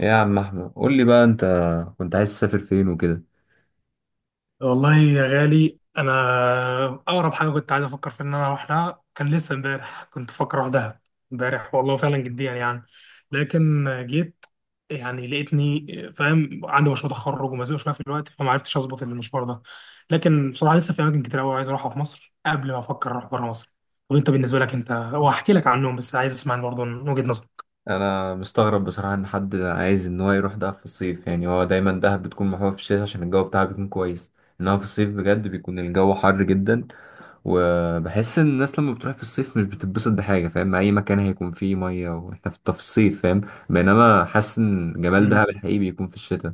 إيه يا عم احمد، قول لي بقى، انت كنت عايز تسافر فين وكده؟ والله يا غالي انا اقرب حاجه كنت عايز افكر في ان انا اروح لها كان لسه امبارح كنت بفكر اروح دهب امبارح، والله فعلا جديا يعني. لكن جيت يعني لقيتني فاهم عندي مشروع تخرج ومزنوق شويه في الوقت فما عرفتش اظبط المشوار ده. لكن بصراحه لسه في اماكن كتير قوي عايز اروحها في مصر قبل ما افكر اروح بره مصر. طب انت بالنسبه لك، انت وهحكي لك عنهم بس عايز اسمع برضه من وجهه نظرك. انا مستغرب بصراحه ان حد عايز ان هو يروح دهب في الصيف، يعني هو دايما دهب بتكون محبوبه في الشتاء عشان الجو بتاعها بيكون كويس. انما في الصيف بجد بيكون الجو حر جدا، وبحس ان الناس لما بتروح في الصيف مش بتتبسط بحاجه، فاهم؟ مع اي مكان هيكون فيه ميه واحنا في الصيف، فاهم؟ بينما حاسس ان جمال دهب الحقيقي بيكون في الشتاء.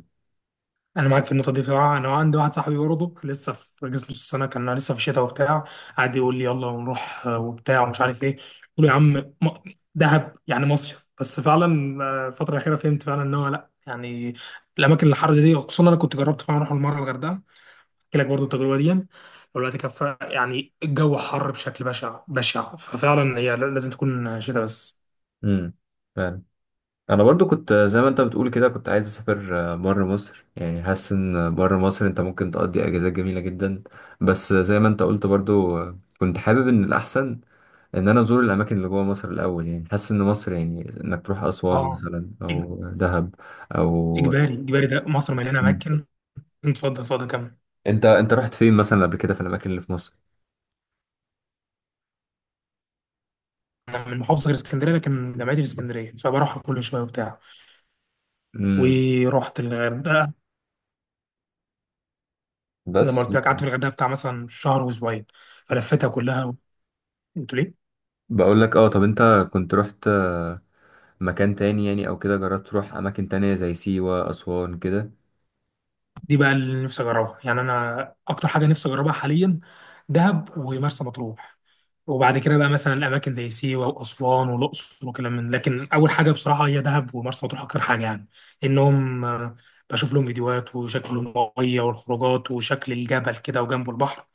انا معاك في النقطه دي بصراحه. انا عندي واحد صاحبي برضه لسه في جسم نص السنه كان لسه في الشتاء وبتاع، قعد يقول لي يلا نروح وبتاع ومش عارف ايه. قلت له يا عم م- دهب يعني مصيف، بس فعلا الفتره الاخيره فهمت فعلا ان هو لا يعني الاماكن الحر دي، خصوصا انا كنت جربت فعلا اروح المره الغردقه، احكي لك برضه التجربه دي. والوقت كفى يعني الجو حر بشكل بشع بشع، ففعلا هي لازم تكون شتاء بس. امم انا برضو كنت زي ما انت بتقول كده، كنت عايز اسافر بره مصر، يعني حاسس ان بره مصر انت ممكن تقضي اجازات جميله جدا. بس زي ما انت قلت برضو، كنت حابب ان الاحسن ان انا ازور الاماكن اللي جوه مصر الاول، يعني حاسس ان مصر، يعني انك تروح اسوان اه. مثلا إج- او دهب او اجباري اجباري، ده مصر مليانه مم. اماكن. اتفضل اتفضل كمل. انت رحت فين مثلا قبل كده في الاماكن اللي في مصر؟ انا من محافظه غير اسكندريه لكن جامعتي في اسكندريه فبروحها كل شويه وبتاع. امم ورحت الغردقه، زي بس ما قلت لك قعدت في الغردقه بتاع مثلا شهر واسبوعين فلفتها كلها. قلت ليه بقول لك، اه. طب انت كنت رحت مكان تاني يعني، او كده جربت تروح اماكن تانية زي سيوه، اسوان كده؟ دي بقى اللي نفسي اجربها. يعني انا اكتر حاجه نفسي اجربها حاليا دهب ومرسى مطروح، وبعد كده بقى مثلا الاماكن زي سيوه واسوان والاقصر وكلام من. لكن اول حاجه بصراحه هي دهب ومرسى مطروح اكتر حاجه يعني. انهم بشوف لهم فيديوهات وشكل الميه والخروجات وشكل الجبل كده وجنبه البحر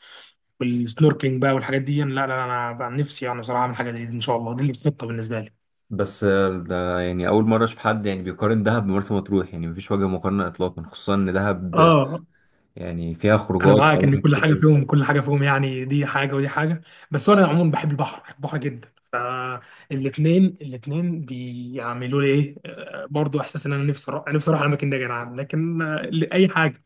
والسنوركلينج بقى والحاجات دي، لا لا لا، انا بقى نفسي يعني بصراحه اعمل حاجه زي دي ان شاء الله، دي الخطه بالنسبه لي. بس ده يعني اول مره اشوف حد يعني بيقارن دهب بمرسى مطروح، يعني مفيش وجه مقارنه اطلاقا، خصوصا ان دهب اه يعني فيها انا خروجات معاك ان واماكن كل كتير حاجه قوي. فيهم، كل حاجه فيهم، يعني دي حاجه ودي حاجه. بس انا عموما بحب البحر، بحب البحر جدا، فالاثنين بيعملوا لي ايه برضو احساس ان انا نفسي اروح، نفسي اروح الاماكن دي يا جدعان. لكن اي حاجه.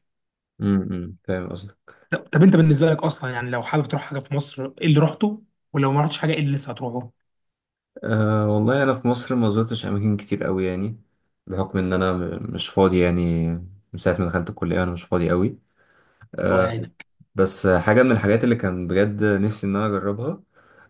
فاهم قصدك. طب طب انت بالنسبه لك اصلا، يعني لو حابب تروح حاجه في مصر ايه اللي رحته؟ ولو ما رحتش حاجه ايه اللي لسه هتروحه؟ أه والله انا في مصر ما زرتش اماكن كتير قوي يعني، بحكم ان انا مش فاضي يعني. من ساعه ما دخلت الكليه انا مش فاضي قوي. الله أه. يعينك. بس حاجه من الحاجات اللي كان بجد نفسي ان انا اجربها،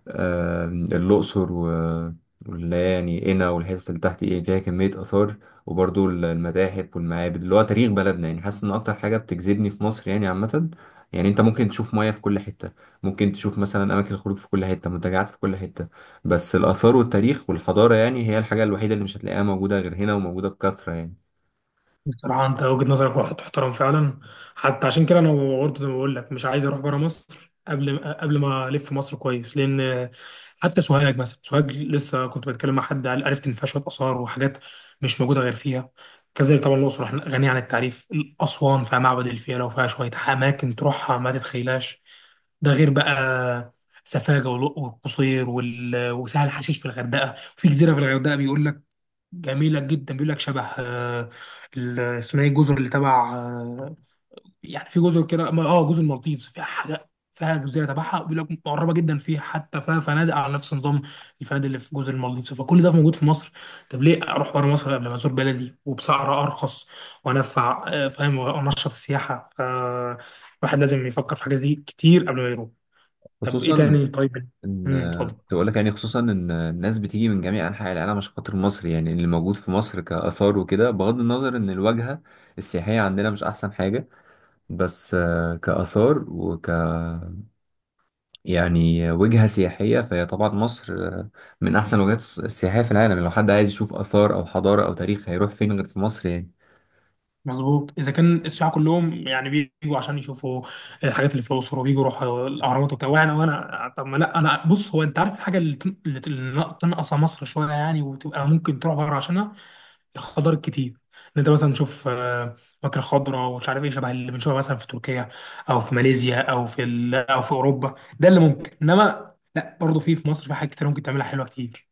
آه، الأقصر واللي هي يعني قنا والحتت اللي تحت، إيه فيها كمية آثار، وبرضو المتاحف والمعابد، اللي هو تاريخ بلدنا. يعني حاسس إن أكتر حاجة بتجذبني في مصر يعني عامة، يعني أنت ممكن تشوف مياه في كل حتة، ممكن تشوف مثلا أماكن الخروج في كل حتة، منتجعات في كل حتة. بس الآثار والتاريخ والحضارة يعني هي الحاجة الوحيدة اللي مش هتلاقيها موجودة غير هنا، وموجودة بكثرة يعني. بصراحة أنت وجهة نظرك واحد تحترم فعلا، حتى عشان كده أنا برضه زي ما بقول لك مش عايز أروح بره مصر قبل ما ألف مصر كويس. لأن حتى سوهاج، مثلا سوهاج لسه كنت بتكلم مع حد قال عرفت إن فيها شوية آثار وحاجات مش موجودة غير فيها. كذلك طبعا الأقصر إحنا غنية عن التعريف. أسوان فيها معبد الفيلة وفيها شوية أماكن تروحها ما تتخيلهاش. ده غير بقى سفاجة والقصير وسهل حشيش. في الغردقة في جزيرة، في الغردقة بيقول لك جميلة جدا، بيقول لك شبه اسمها ايه الجزر اللي تبع يعني في جزر كده اه جزر المالديفز، فيها حاجة، فيها جزيرة تبعها بيقول لك مقربة جدا فيها، حتى فيها فنادق على نفس نظام الفنادق اللي في جزر المالديفز. فكل ده موجود في مصر، طب ليه اروح بره مصر قبل ما ازور بلدي وبسعر ارخص وانفع فاهم، وانشط السياحة. فالواحد لازم يفكر في حاجات دي كتير قبل ما يروح. طب ايه خصوصا تاني طيب. ان، اتفضل. تقول لك يعني، خصوصا ان الناس بتيجي من جميع انحاء العالم عشان خاطر مصر، يعني اللي موجود في مصر كاثار وكده، بغض النظر ان الواجهه السياحيه عندنا مش احسن حاجه. بس كاثار يعني وجهه سياحيه، فهي طبعا مصر من احسن الوجهات السياحيه في العالم. يعني لو حد عايز يشوف اثار او حضاره او تاريخ هيروح فين غير في مصر يعني؟ مظبوط، اذا كان السياح كلهم يعني بيجوا عشان يشوفوا الحاجات اللي في الاقصر وبيجوا يروحوا الاهرامات وبتاع، وانا طب ما لا انا بص، هو انت عارف الحاجه اللي تنقص مصر شويه يعني، وتبقى ممكن تروح بره عشانها؟ الخضار الكتير، ان انت مثلا تشوف مكر خضراء ومش عارف ايه شبه اللي بنشوفها مثلا في تركيا او في ماليزيا او في او في اوروبا. ده اللي ممكن، انما لا برضه في مصر في حاجات كتير ممكن تعملها حلوه كتير.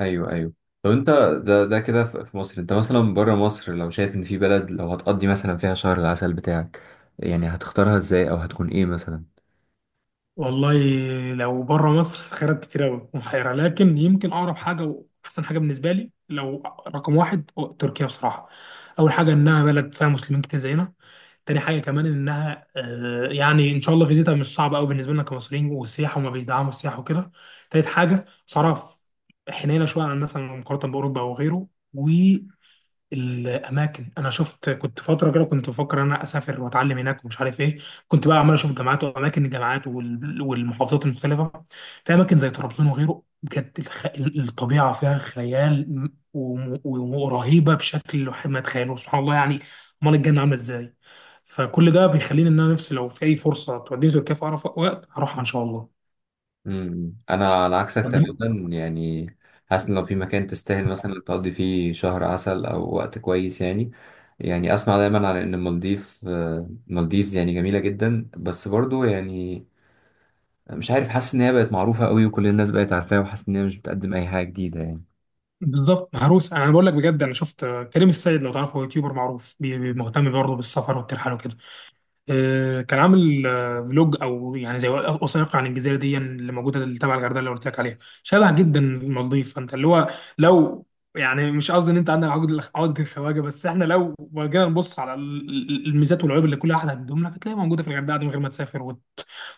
ايوه، ايوه. طب انت، ده كده في مصر، انت مثلا بره مصر لو شايف ان في بلد لو هتقضي مثلا فيها شهر العسل بتاعك، يعني هتختارها ازاي، او هتكون ايه مثلا؟ والله لو بره مصر خيارات كتير قوي محيرة، لكن يمكن أقرب حاجة وأحسن حاجة بالنسبة لي لو رقم واحد هو تركيا بصراحة. أول حاجة إنها بلد فيها مسلمين كتير زينا. تاني حاجة كمان إنها يعني إن شاء الله فيزيتها مش صعبة قوي بالنسبة لنا كمصريين، والسياحة وما بيدعموا السياحة وكده. تالت حاجة صرف حنينة شوية عن مثلا مقارنة بأوروبا أو غيره. الاماكن، انا شفت كنت فتره كده كنت بفكر ان انا اسافر واتعلم هناك ومش عارف ايه. كنت بقى عمال اشوف جامعات واماكن الجامعات والمحافظات المختلفه. في اماكن زي طرابزون وغيره بجد، الطبيعه فيها خيال ورهيبه بشكل الواحد ما يتخيلوش سبحان الله يعني، امال الجنه عامله ازاي. فكل ده بيخليني ان انا نفسي لو في اي فرصه توديني تركيا في اقرب وقت هروحها ان شاء الله. انا على عكسك طب بن- تماما يعني. حاسس ان لو في مكان تستاهل مثلا تقضي فيه شهر عسل او وقت كويس يعني، يعني اسمع دايما على ان المالديفز يعني جميلة جدا، بس برضو يعني مش عارف، حاسس ان هي بقت معروفة قوي وكل الناس بقت عارفاها، وحاسس ان هي مش بتقدم اي حاجة جديدة يعني. بالظبط مهروس. انا بقول لك بجد، انا شفت كريم السيد لو تعرفه، هو يوتيوبر معروف مهتم برضه بالسفر والترحال وكده، كان عامل فلوج او يعني زي وثائقي عن الجزيره دي اللي موجوده اللي تبع الغردقه اللي قلت لك عليها، شبه جدا المالديف. فانت اللي هو لو يعني مش قصدي ان انت عندك عقد الخواجه، بس احنا لو جينا نبص على الميزات والعيوب اللي كل واحد هتديهم لك هتلاقيها موجوده في الغردقه دي من غير ما تسافر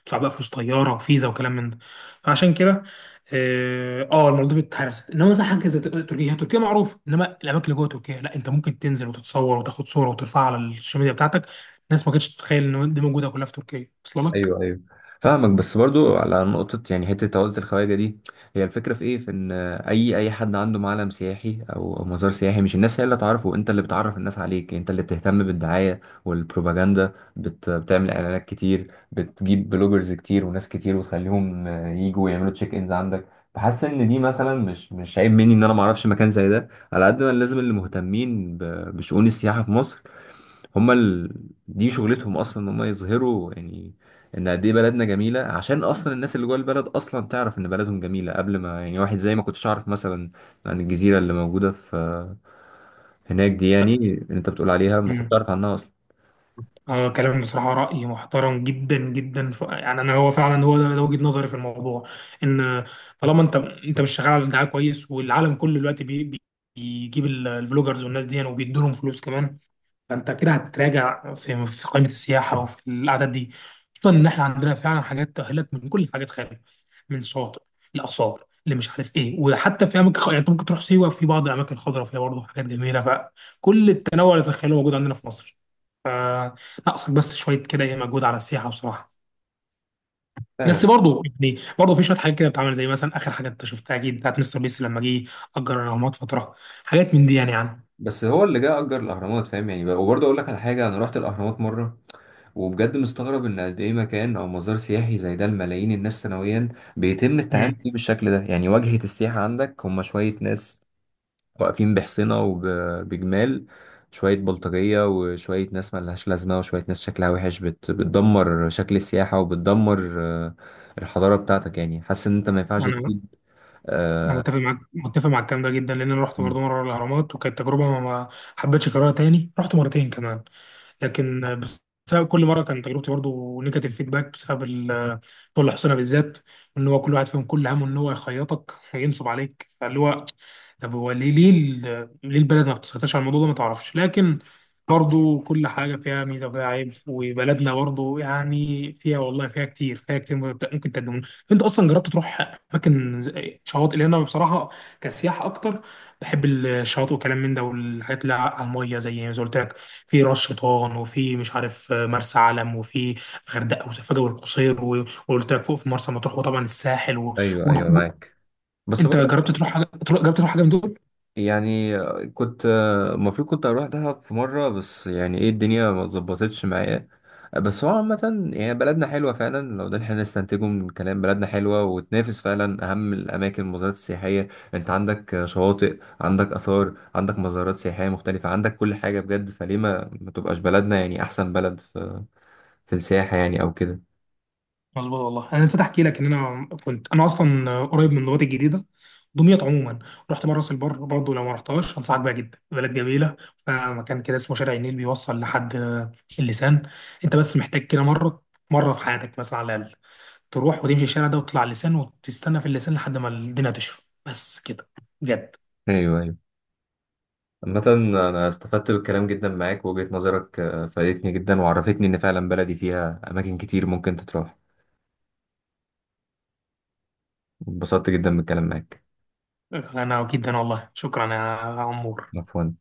تدفع بقى فلوس طياره فيزا وكلام من ده. فعشان كده اه المالديف اتهرست، انما مثلا حاجه زي تركيا، هي تركيا معروف، انما الاماكن اللي جوه تركيا لا، انت ممكن تنزل وتتصور وتاخد صوره وترفعها على السوشيال ميديا بتاعتك الناس ما كانتش تتخيل ان دي موجوده كلها في تركيا اصلا لك. ايوه، ايوه، فاهمك. بس برضو على نقطة، يعني حتة عقدة الخواجة دي، هي الفكرة في ايه؟ في ان اي حد عنده معلم سياحي او مزار سياحي، مش الناس هي اللي تعرفه، انت اللي بتعرف الناس عليك، انت اللي بتهتم بالدعاية والبروباجندا، بتعمل اعلانات كتير، بتجيب بلوجرز كتير وناس كتير وتخليهم يجوا يعملوا تشيك انز عندك. بحس ان دي مثلا مش عيب مني ان انا ما اعرفش مكان زي ده، على قد ما لازم اللي مهتمين بشؤون السياحة في مصر، هما دي شغلتهم اصلا، ان هما يظهروا يعني ان قد ايه بلدنا جميله، عشان اصلا الناس اللي جوه البلد اصلا تعرف ان بلدهم جميله، قبل ما يعني واحد زي ما كنتش اعرف مثلا عن الجزيره اللي موجوده في هناك دي، يعني لا. اللي انت بتقول عليها ما كنتش مم. اعرف عنها اصلا. اه كلام بصراحه راي محترم جدا جدا يعني انا هو فعلا هو ده وجهه نظري في الموضوع. ان طالما انت مش شغال على دعايه كويس، والعالم كله دلوقتي بيجيب الفلوجرز والناس دي وبيدوا لهم فلوس كمان، فانت كده هتراجع في قائمه السياحه وفي الاعداد دي. خصوصا ان احنا عندنا فعلا حاجات تاهلت من كل حاجات خارج، من شاطئ لاثار اللي مش عارف ايه، وحتى في اماكن يعني انت ممكن تروح سيوه في بعض الاماكن الخضراء فيها برضه حاجات جميله. فكل التنوع اللي تتخيله موجود عندنا في مصر، فناقصك بس شويه كده ايه مجهود على السياحه بصراحه. فعلا. بس برضه يعني برضه في شويه حاجات كده بتتعمل، زي مثلا اخر حاجه انت شفتها اكيد بتاعت مستر بيس لما جه اجر الاهرامات فتره. حاجات من دي يعني يعني. بس هو اللي جه اجر الاهرامات، فاهم يعني. وبرضه اقول لك على حاجه، انا رحت الاهرامات مره، وبجد مستغرب ان قد ايه مكان او مزار سياحي زي ده لملايين الناس سنويا بيتم التعامل فيه بالشكل ده. يعني واجهة السياحة عندك هم شوية ناس واقفين بحصينة وبجمال، شوية بلطجية وشوية ناس ملهاش لازمة وشوية ناس شكلها وحش، بتدمر شكل السياحة وبتدمر الحضارة بتاعتك. يعني حاسس إن أنت ما ينفعش مم. تفيد. انا آه. متفق معاك، متفق مع الكلام ده جدا، لان انا رحت برضه مم. مره الاهرامات وكانت تجربه ما حبيتش اكررها تاني. رحت مرتين كمان لكن بسبب كل مره كان تجربتي برضو نيجاتيف فيدباك بسبب طول حسنا بالذات، ان هو كل واحد فيهم كل همه ان هو يخيطك وينصب عليك. فاللي هو طب هو ليه، ليه البلد ما بتسيطرش على الموضوع ده ما تعرفش. لكن برضو كل حاجه فيها ميزه وفيها عيب، وبلدنا برضو يعني فيها، والله فيها كتير، فيها كتير ممكن تقدم. انت اصلا جربت تروح اماكن شواطئ؟ لان انا بصراحه كسياحه اكتر بحب الشواطئ وكلام من ده والحاجات اللي على الميه زي ما قلت لك، في راس شيطان وفي مش عارف مرسى علم وفي غردقه وسفاجه والقصير وقلت لك فوق في مرسى مطروح، وطبعا الساحل أيوه، و... أيوه، و- معاك. بس انت برضه جربت تروح حاجه جربت تروح حاجه من دول؟ يعني، كنت المفروض كنت اروح دهب في مره، بس يعني ايه، الدنيا ما اتظبطتش معايا. بس هو عامه يعني بلدنا حلوه فعلا، لو ده اللي احنا نستنتجه من الكلام. بلدنا حلوه وتنافس فعلا اهم الاماكن، المزارات السياحيه. انت عندك شواطئ، عندك اثار، عندك مزارات سياحيه مختلفه، عندك كل حاجه بجد. فليه ما تبقاش بلدنا يعني احسن بلد في السياحه، يعني او كده؟ مظبوط والله، انا نسيت احكي لك ان انا كنت انا اصلا قريب من دمياط الجديده، دمياط عموما. رحت مره راس البر برضه، لو ما رحتهاش انصحك بيها جدا، بلد جميله. فمكان كده اسمه شارع النيل بيوصل لحد اللسان. انت بس محتاج كده مره مره في حياتك مثلا على الاقل، تروح وتمشي الشارع ده وتطلع اللسان وتستنى في اللسان لحد ما الدنيا تشرب، بس كده، بجد. ايوه، ايوه. عامة أنا استفدت بالكلام جدا معاك، ووجهة نظرك فادتني جدا، وعرفتني إن فعلا بلدي فيها أماكن كتير ممكن تتراح. اتبسطت جدا بالكلام معاك. انا جدا، والله شكرا يا عمور. عفوا.